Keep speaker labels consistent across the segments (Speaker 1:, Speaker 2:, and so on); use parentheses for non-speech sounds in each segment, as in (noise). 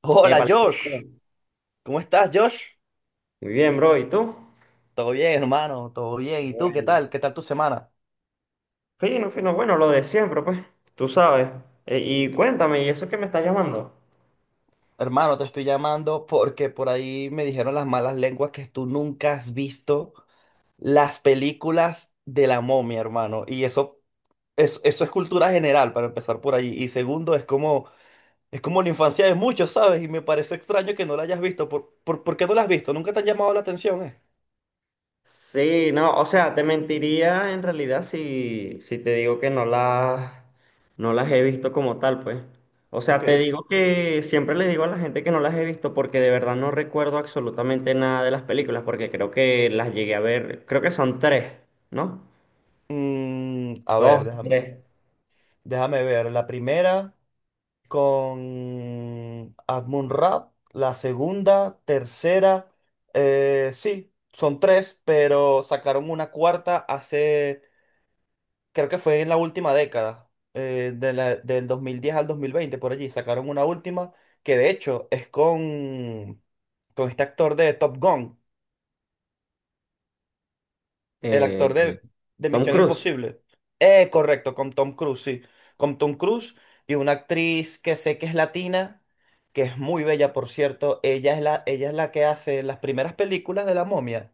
Speaker 1: Hola
Speaker 2: Épale,
Speaker 1: Josh, ¿cómo estás Josh?
Speaker 2: muy bien, bro. ¿Y tú?
Speaker 1: Todo bien, hermano, todo
Speaker 2: Qué
Speaker 1: bien. ¿Y tú qué
Speaker 2: bueno.
Speaker 1: tal? ¿Qué tal tu semana?
Speaker 2: Fino, fino, bueno, lo de siempre, pues, tú sabes. Y cuéntame, ¿y eso que me estás llamando?
Speaker 1: Hermano, te estoy llamando porque por ahí me dijeron las malas lenguas que tú nunca has visto las películas de la momia, hermano. Y eso es cultura general, para empezar por ahí. Y segundo, es como la infancia de muchos, ¿sabes? Y me parece extraño que no la hayas visto. ¿Por qué no la has visto? ¿Nunca te han llamado la atención,
Speaker 2: Sí, no, o sea, te mentiría en realidad si te digo que no las he visto como tal, pues. O sea, te
Speaker 1: Ok.
Speaker 2: digo que siempre le digo a la gente que no las he visto porque de verdad no recuerdo absolutamente nada de las películas, porque creo que las llegué a ver, creo que son tres, ¿no?
Speaker 1: A ver,
Speaker 2: Dos, tres.
Speaker 1: déjame ver. La primera con Rap, la segunda, tercera, sí, son tres, pero sacaron una cuarta hace, creo que fue en la última década, del 2010 al 2020 por allí. Sacaron una última que de hecho es con este actor de Top Gun. El
Speaker 2: Eh,
Speaker 1: actor de
Speaker 2: Tom
Speaker 1: Misión
Speaker 2: Cruise.
Speaker 1: Imposible. Correcto, con Tom Cruise, sí. Con Tom Cruise y una actriz que sé que es latina, que es muy bella, por cierto. Ella es la que hace las primeras películas de la momia.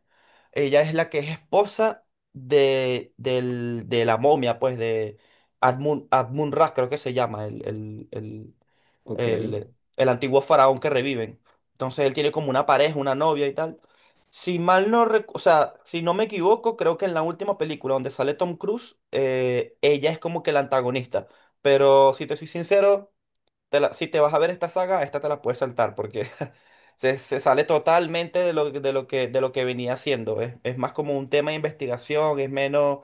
Speaker 1: Ella es la que es esposa de la momia, pues de Admun, Admun Ra, creo que se llama, el,
Speaker 2: Ok.
Speaker 1: el, el antiguo faraón que reviven. Entonces él tiene como una pareja, una novia y tal. Si mal no, rec- O sea, si no me equivoco, creo que en la última película donde sale Tom Cruise, ella es como que la antagonista. Pero si te soy sincero, si te vas a ver esta saga, esta te la puedes saltar porque (laughs) se sale totalmente de de lo que venía haciendo. Es más como un tema de investigación,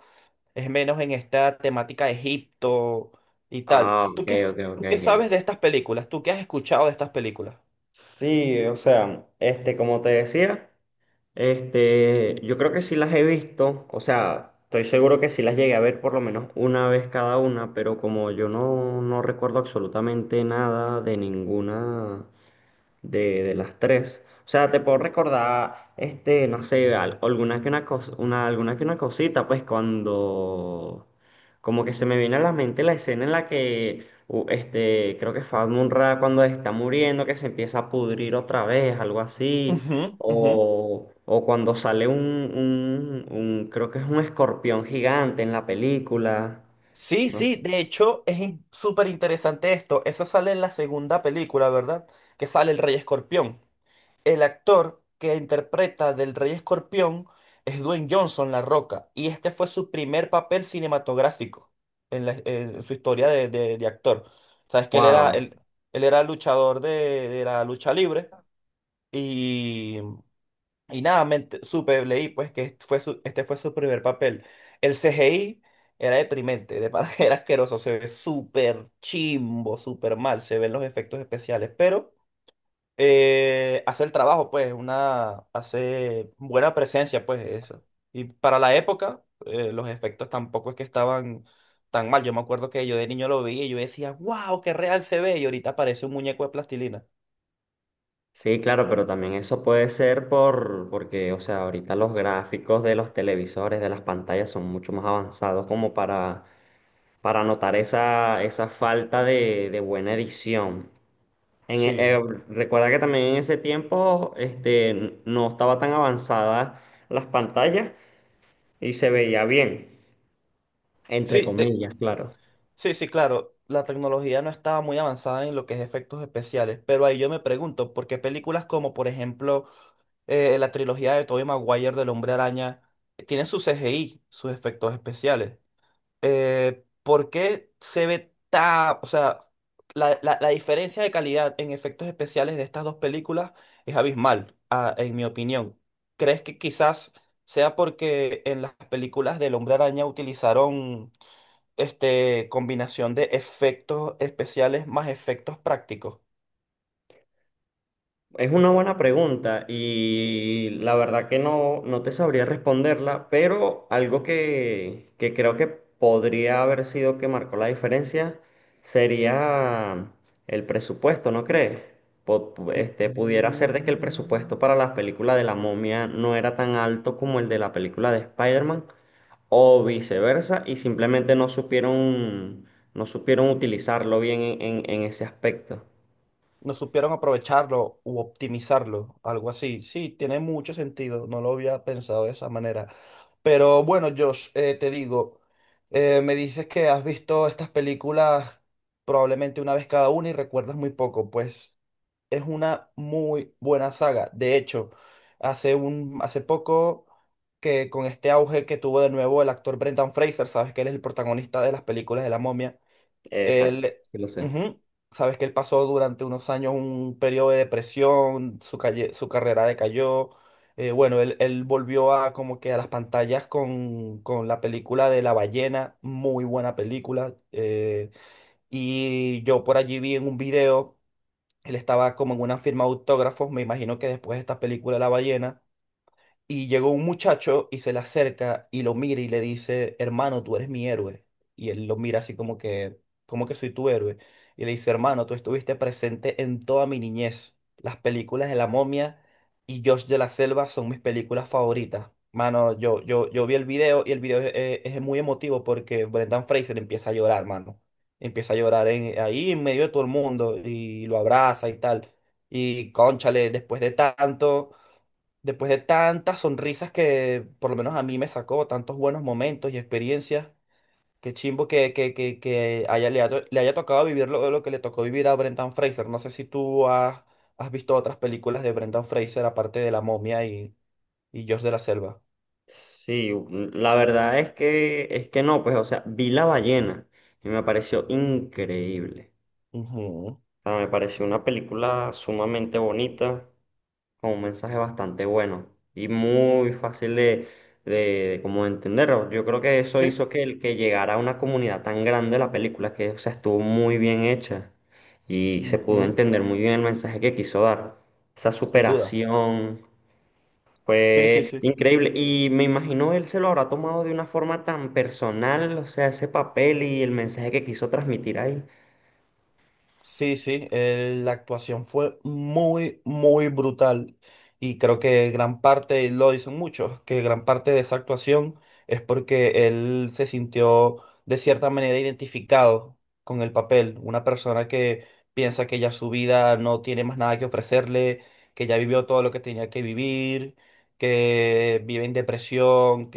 Speaker 1: es menos en esta temática de Egipto y tal.
Speaker 2: Ah, ok, ok, ok,
Speaker 1: Tú qué
Speaker 2: ok.
Speaker 1: sabes de estas películas? ¿Tú qué has escuchado de estas películas?
Speaker 2: Sí, o sea, este, como te decía, este, yo creo que sí las he visto, o sea, estoy seguro que sí las llegué a ver por lo menos una vez cada una, pero como yo no recuerdo absolutamente nada de ninguna, de las tres. O sea, te puedo recordar, este, no sé, alguna que una alguna que una cosita, pues cuando como que se me viene a la mente la escena en la que este, creo que fue Munra cuando está muriendo, que se empieza a pudrir otra vez, algo así.
Speaker 1: Ujú, ujú.
Speaker 2: O cuando sale un, creo que es un escorpión gigante en la película.
Speaker 1: Sí,
Speaker 2: No sé.
Speaker 1: sí, de hecho súper interesante esto. Eso sale en la segunda película, ¿verdad? Que sale el Rey Escorpión. El actor que interpreta del Rey Escorpión es Dwayne Johnson, La Roca, y este fue su primer papel cinematográfico en su historia de actor. Sabes que
Speaker 2: Wow.
Speaker 1: él, él era luchador de la lucha libre. Y, y nada, me ent- Supe, leí pues que este fue su primer papel. El CGI era deprimente, de para (laughs) era asqueroso, se ve súper chimbo, súper mal, se ven los efectos especiales, pero hace el trabajo, pues, hace buena presencia, pues, eso. Y para la época, los efectos tampoco es que estaban tan mal. Yo me acuerdo que yo de niño lo vi y yo decía, wow, qué real se ve, y ahorita parece un muñeco de plastilina.
Speaker 2: Sí, claro, pero también eso puede ser porque, o sea, ahorita los gráficos de los televisores, de las pantallas son mucho más avanzados como para notar esa, esa falta de buena edición. Eh,
Speaker 1: Sí,
Speaker 2: recuerda que también en ese tiempo, este, no estaba tan avanzadas las pantallas y se veía bien, entre
Speaker 1: sí, de,
Speaker 2: comillas, claro.
Speaker 1: Sí, sí, claro, la tecnología no estaba muy avanzada en lo que es efectos especiales, pero ahí yo me pregunto, ¿por qué películas como, por ejemplo, la trilogía de Tobey Maguire del Hombre Araña tiene su CGI, sus efectos especiales? ¿Por qué se ve tan, o sea, la diferencia de calidad en efectos especiales de estas dos películas es abismal, en mi opinión? ¿Crees que quizás sea porque en las películas del Hombre Araña utilizaron combinación de efectos especiales más efectos prácticos?
Speaker 2: Es una buena pregunta y la verdad que no te sabría responderla, pero algo que creo que podría haber sido que marcó la diferencia sería el presupuesto, ¿no crees?
Speaker 1: Mm,
Speaker 2: Este, pudiera ser de que el presupuesto
Speaker 1: mm.
Speaker 2: para la película de la momia no era tan alto como el de la película de Spider-Man o viceversa y simplemente no supieron, no supieron utilizarlo bien en en ese aspecto.
Speaker 1: No supieron aprovecharlo u optimizarlo, algo así. Sí, tiene mucho sentido, no lo había pensado de esa manera. Pero bueno, Josh, te digo, me dices que has visto estas películas probablemente una vez cada una y recuerdas muy poco, pues es una muy buena saga. De hecho, hace poco que con este auge que tuvo de nuevo el actor Brendan Fraser, sabes que él es el protagonista de las películas de la momia.
Speaker 2: Exacto,
Speaker 1: él,
Speaker 2: sí lo sé.
Speaker 1: Ujú, sabes que él pasó durante unos años un periodo de depresión. Su carrera decayó. Él volvió a como que a las pantallas con la película de La Ballena, muy buena película. Y yo por allí vi en un video, él estaba como en una firma de autógrafos, me imagino que después de esta película La Ballena. Y llegó un muchacho y se le acerca y lo mira y le dice, hermano, tú eres mi héroe. Y él lo mira así como que soy tu héroe. Y le dice, hermano, tú estuviste presente en toda mi niñez. Las películas de La Momia y Josh de la Selva son mis películas favoritas. Mano, yo vi el video y el video es muy emotivo porque Brendan Fraser empieza a llorar, mano. Empieza a llorar ahí en medio de todo el mundo y lo abraza y tal. Y cónchale, después de tanto. Después de tantas sonrisas que por lo menos a mí me sacó, tantos buenos momentos y experiencias, qué chimbo que le haya tocado vivir lo que le tocó vivir a Brendan Fraser. No sé si has visto otras películas de Brendan Fraser aparte de La Momia y Josh de la Selva.
Speaker 2: Sí, mm, la verdad es es que no, pues, o sea, vi La Ballena y me pareció increíble.
Speaker 1: Ujú.
Speaker 2: O sea, me pareció una película sumamente bonita, con un mensaje bastante bueno y muy fácil de como entenderlo. Yo creo que eso
Speaker 1: Sí,
Speaker 2: hizo que llegara a una comunidad tan grande la película, que, o sea, estuvo muy bien hecha y se pudo
Speaker 1: ujú.
Speaker 2: entender muy bien el mensaje que quiso dar. Esa
Speaker 1: Sin duda.
Speaker 2: superación.
Speaker 1: Sí, sí,
Speaker 2: Fue
Speaker 1: sí.
Speaker 2: increíble. Y me imagino él se lo habrá tomado de una forma tan personal, o sea, ese papel y el mensaje que quiso transmitir ahí.
Speaker 1: Sí, sí, la actuación fue muy, muy brutal y creo que gran parte, lo dicen muchos, que gran parte de esa actuación es porque él se sintió de cierta manera identificado con el papel, una persona que piensa que ya su vida no tiene más nada que ofrecerle, que ya vivió todo lo que tenía que vivir, que vive en depresión,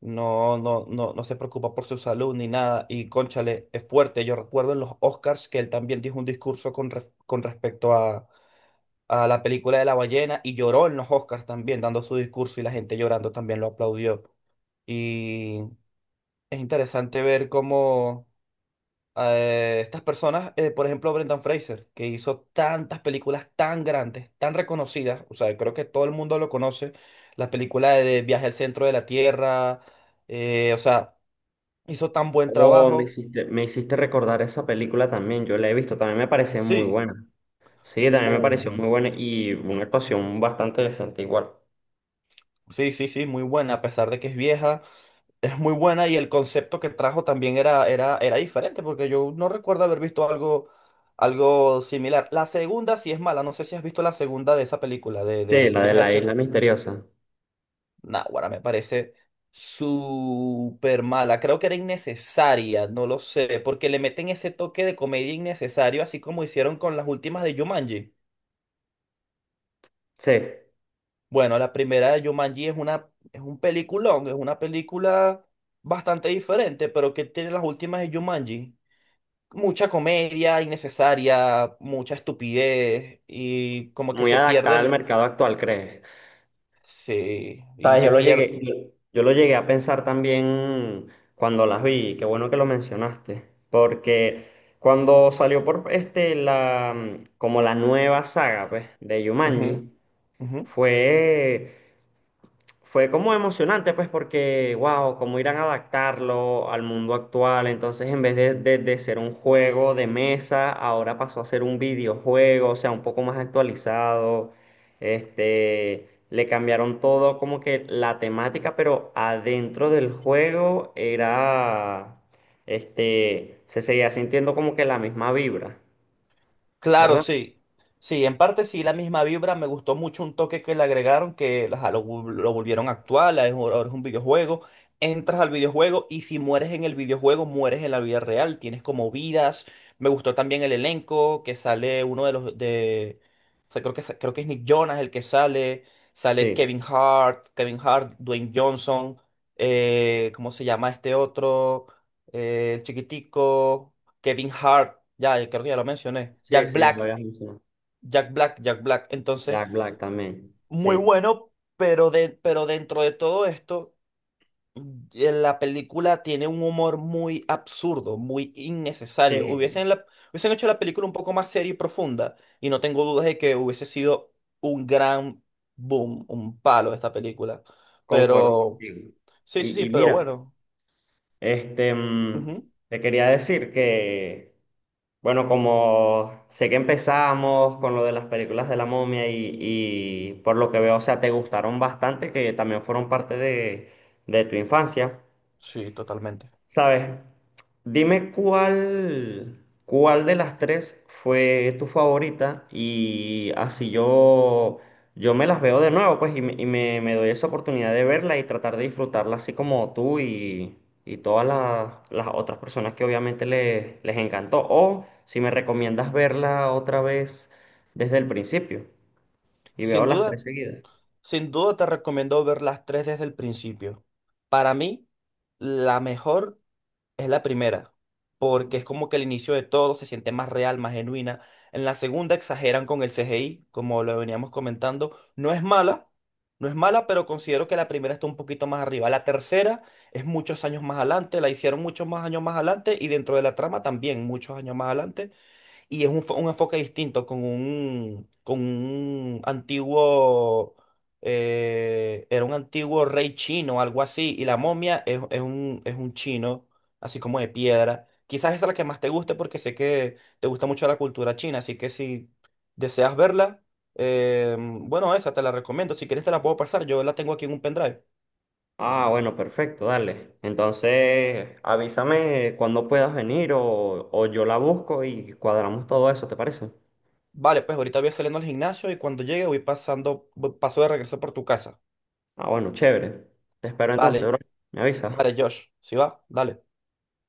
Speaker 1: no se preocupa por su salud ni nada. Y cónchale, es fuerte. Yo recuerdo en los Oscars que él también dijo un discurso con respecto a la película de la ballena y lloró en los Oscars también, dando su discurso y la gente llorando también lo aplaudió. Y es interesante ver cómo estas personas, por ejemplo, Brendan Fraser, que hizo tantas películas tan grandes, tan reconocidas, o sea, creo que todo el mundo lo conoce, la película de Viaje al Centro de la Tierra, o sea. Hizo tan buen
Speaker 2: Oh,
Speaker 1: trabajo.
Speaker 2: me hiciste recordar esa película también, yo la he visto, también me parece muy
Speaker 1: Sí,
Speaker 2: buena. Sí, también me
Speaker 1: muy
Speaker 2: pareció muy
Speaker 1: buena.
Speaker 2: buena y una actuación bastante decente igual.
Speaker 1: Sí, sí, sí, muy buena. A pesar de que es vieja, es muy buena y el concepto que trajo también era diferente, porque yo no recuerdo haber visto algo, algo similar. La segunda sí es mala. No sé si has visto la segunda de esa película,
Speaker 2: Sí,
Speaker 1: de
Speaker 2: la de
Speaker 1: Viaje al
Speaker 2: la
Speaker 1: Centro.
Speaker 2: isla misteriosa.
Speaker 1: Náguara, me parece súper mala. Creo que era innecesaria, no lo sé, porque le meten ese toque de comedia innecesario, así como hicieron con las últimas de Jumanji.
Speaker 2: Sí,
Speaker 1: Bueno, la primera de Jumanji es un peliculón, es una película bastante diferente, pero que tiene las últimas de Jumanji. Mucha comedia innecesaria, mucha estupidez y como que
Speaker 2: muy
Speaker 1: se pierde
Speaker 2: adaptada al
Speaker 1: el...
Speaker 2: mercado actual, ¿crees?
Speaker 1: Sí, y
Speaker 2: Sabes,
Speaker 1: se pierde...
Speaker 2: yo lo llegué a pensar también cuando las vi, y qué bueno que lo mencionaste, porque cuando salió por este la como la nueva saga pues, de
Speaker 1: Ujú,
Speaker 2: Jumanji,
Speaker 1: ujú.
Speaker 2: fue fue como emocionante, pues, porque, wow, cómo irán a adaptarlo al mundo actual. Entonces, en vez de ser un juego de mesa, ahora pasó a ser un videojuego, o sea, un poco más actualizado. Este, le cambiaron todo, como que la temática, pero adentro del juego era, este, se seguía sintiendo como que la misma vibra,
Speaker 1: Claro,
Speaker 2: ¿verdad?
Speaker 1: sí. Sí, en parte sí, la misma vibra. Me gustó mucho un toque que le agregaron, que ajá, lo volvieron actual. Ahora es un videojuego. Entras al videojuego y si mueres en el videojuego, mueres en la vida real. Tienes como vidas. Me gustó también el elenco, que sale uno de los de. O sea, creo creo que es Nick Jonas el que sale. Sale
Speaker 2: Sí,
Speaker 1: Kevin Hart, Dwayne Johnson. ¿Cómo se llama este otro? El chiquitico. Kevin Hart, ya creo que ya lo mencioné.
Speaker 2: sí, sí, ya lo habías mencionado.
Speaker 1: Jack Black. Entonces,
Speaker 2: Jack Black también,
Speaker 1: muy
Speaker 2: sí,
Speaker 1: bueno, pero, pero dentro de todo esto, la película tiene un humor muy absurdo, muy innecesario.
Speaker 2: sí.
Speaker 1: Hubiesen hecho la película un poco más seria y profunda, y no tengo dudas de que hubiese sido un gran boom, un palo esta película.
Speaker 2: Concuerdo
Speaker 1: Pero,
Speaker 2: contigo.
Speaker 1: sí, sí, sí,
Speaker 2: Y
Speaker 1: pero
Speaker 2: mira,
Speaker 1: bueno.
Speaker 2: este, mm,
Speaker 1: Ujú.
Speaker 2: te quería decir que, bueno, como sé que empezamos con lo de las películas de la momia y por lo que veo, o sea, te gustaron bastante, que también fueron parte de tu infancia.
Speaker 1: Sí, totalmente.
Speaker 2: ¿Sabes? Dime cuál, cuál de las tres fue tu favorita y así yo me las veo de nuevo, pues, me doy esa oportunidad de verla y tratar de disfrutarla así como tú y todas las otras personas que obviamente les encantó. O si me recomiendas verla otra vez desde el principio y veo
Speaker 1: Sin
Speaker 2: las tres
Speaker 1: duda.
Speaker 2: seguidas.
Speaker 1: Sin duda te recomiendo ver las tres desde el principio. Para mí, la mejor es la primera, porque es como que el inicio de todo se siente más real, más genuina. En la segunda exageran con el CGI, como lo veníamos comentando. No es mala, no es mala, pero considero que la primera está un poquito más arriba. La tercera es muchos años más adelante, la hicieron muchos más años más adelante y dentro de la trama también muchos años más adelante. Y es un enfoque distinto con un antiguo, era un antiguo rey chino, algo así, y la momia es un chino, así como de piedra. Quizás esa es la que más te guste porque sé que te gusta mucho la cultura china, así que si deseas verla, bueno, esa te la recomiendo. Si quieres te la puedo pasar, yo la tengo aquí en un pendrive.
Speaker 2: Ah, bueno, perfecto, dale. Entonces, avísame cuando puedas venir o yo la busco y cuadramos todo eso, ¿te parece?
Speaker 1: Vale, pues ahorita voy saliendo al gimnasio y cuando llegue voy pasando, paso de regreso por tu casa.
Speaker 2: Ah, bueno, chévere. Te espero
Speaker 1: Vale,
Speaker 2: entonces, bro. Me avisas.
Speaker 1: vale, Josh, ¿si va? Dale.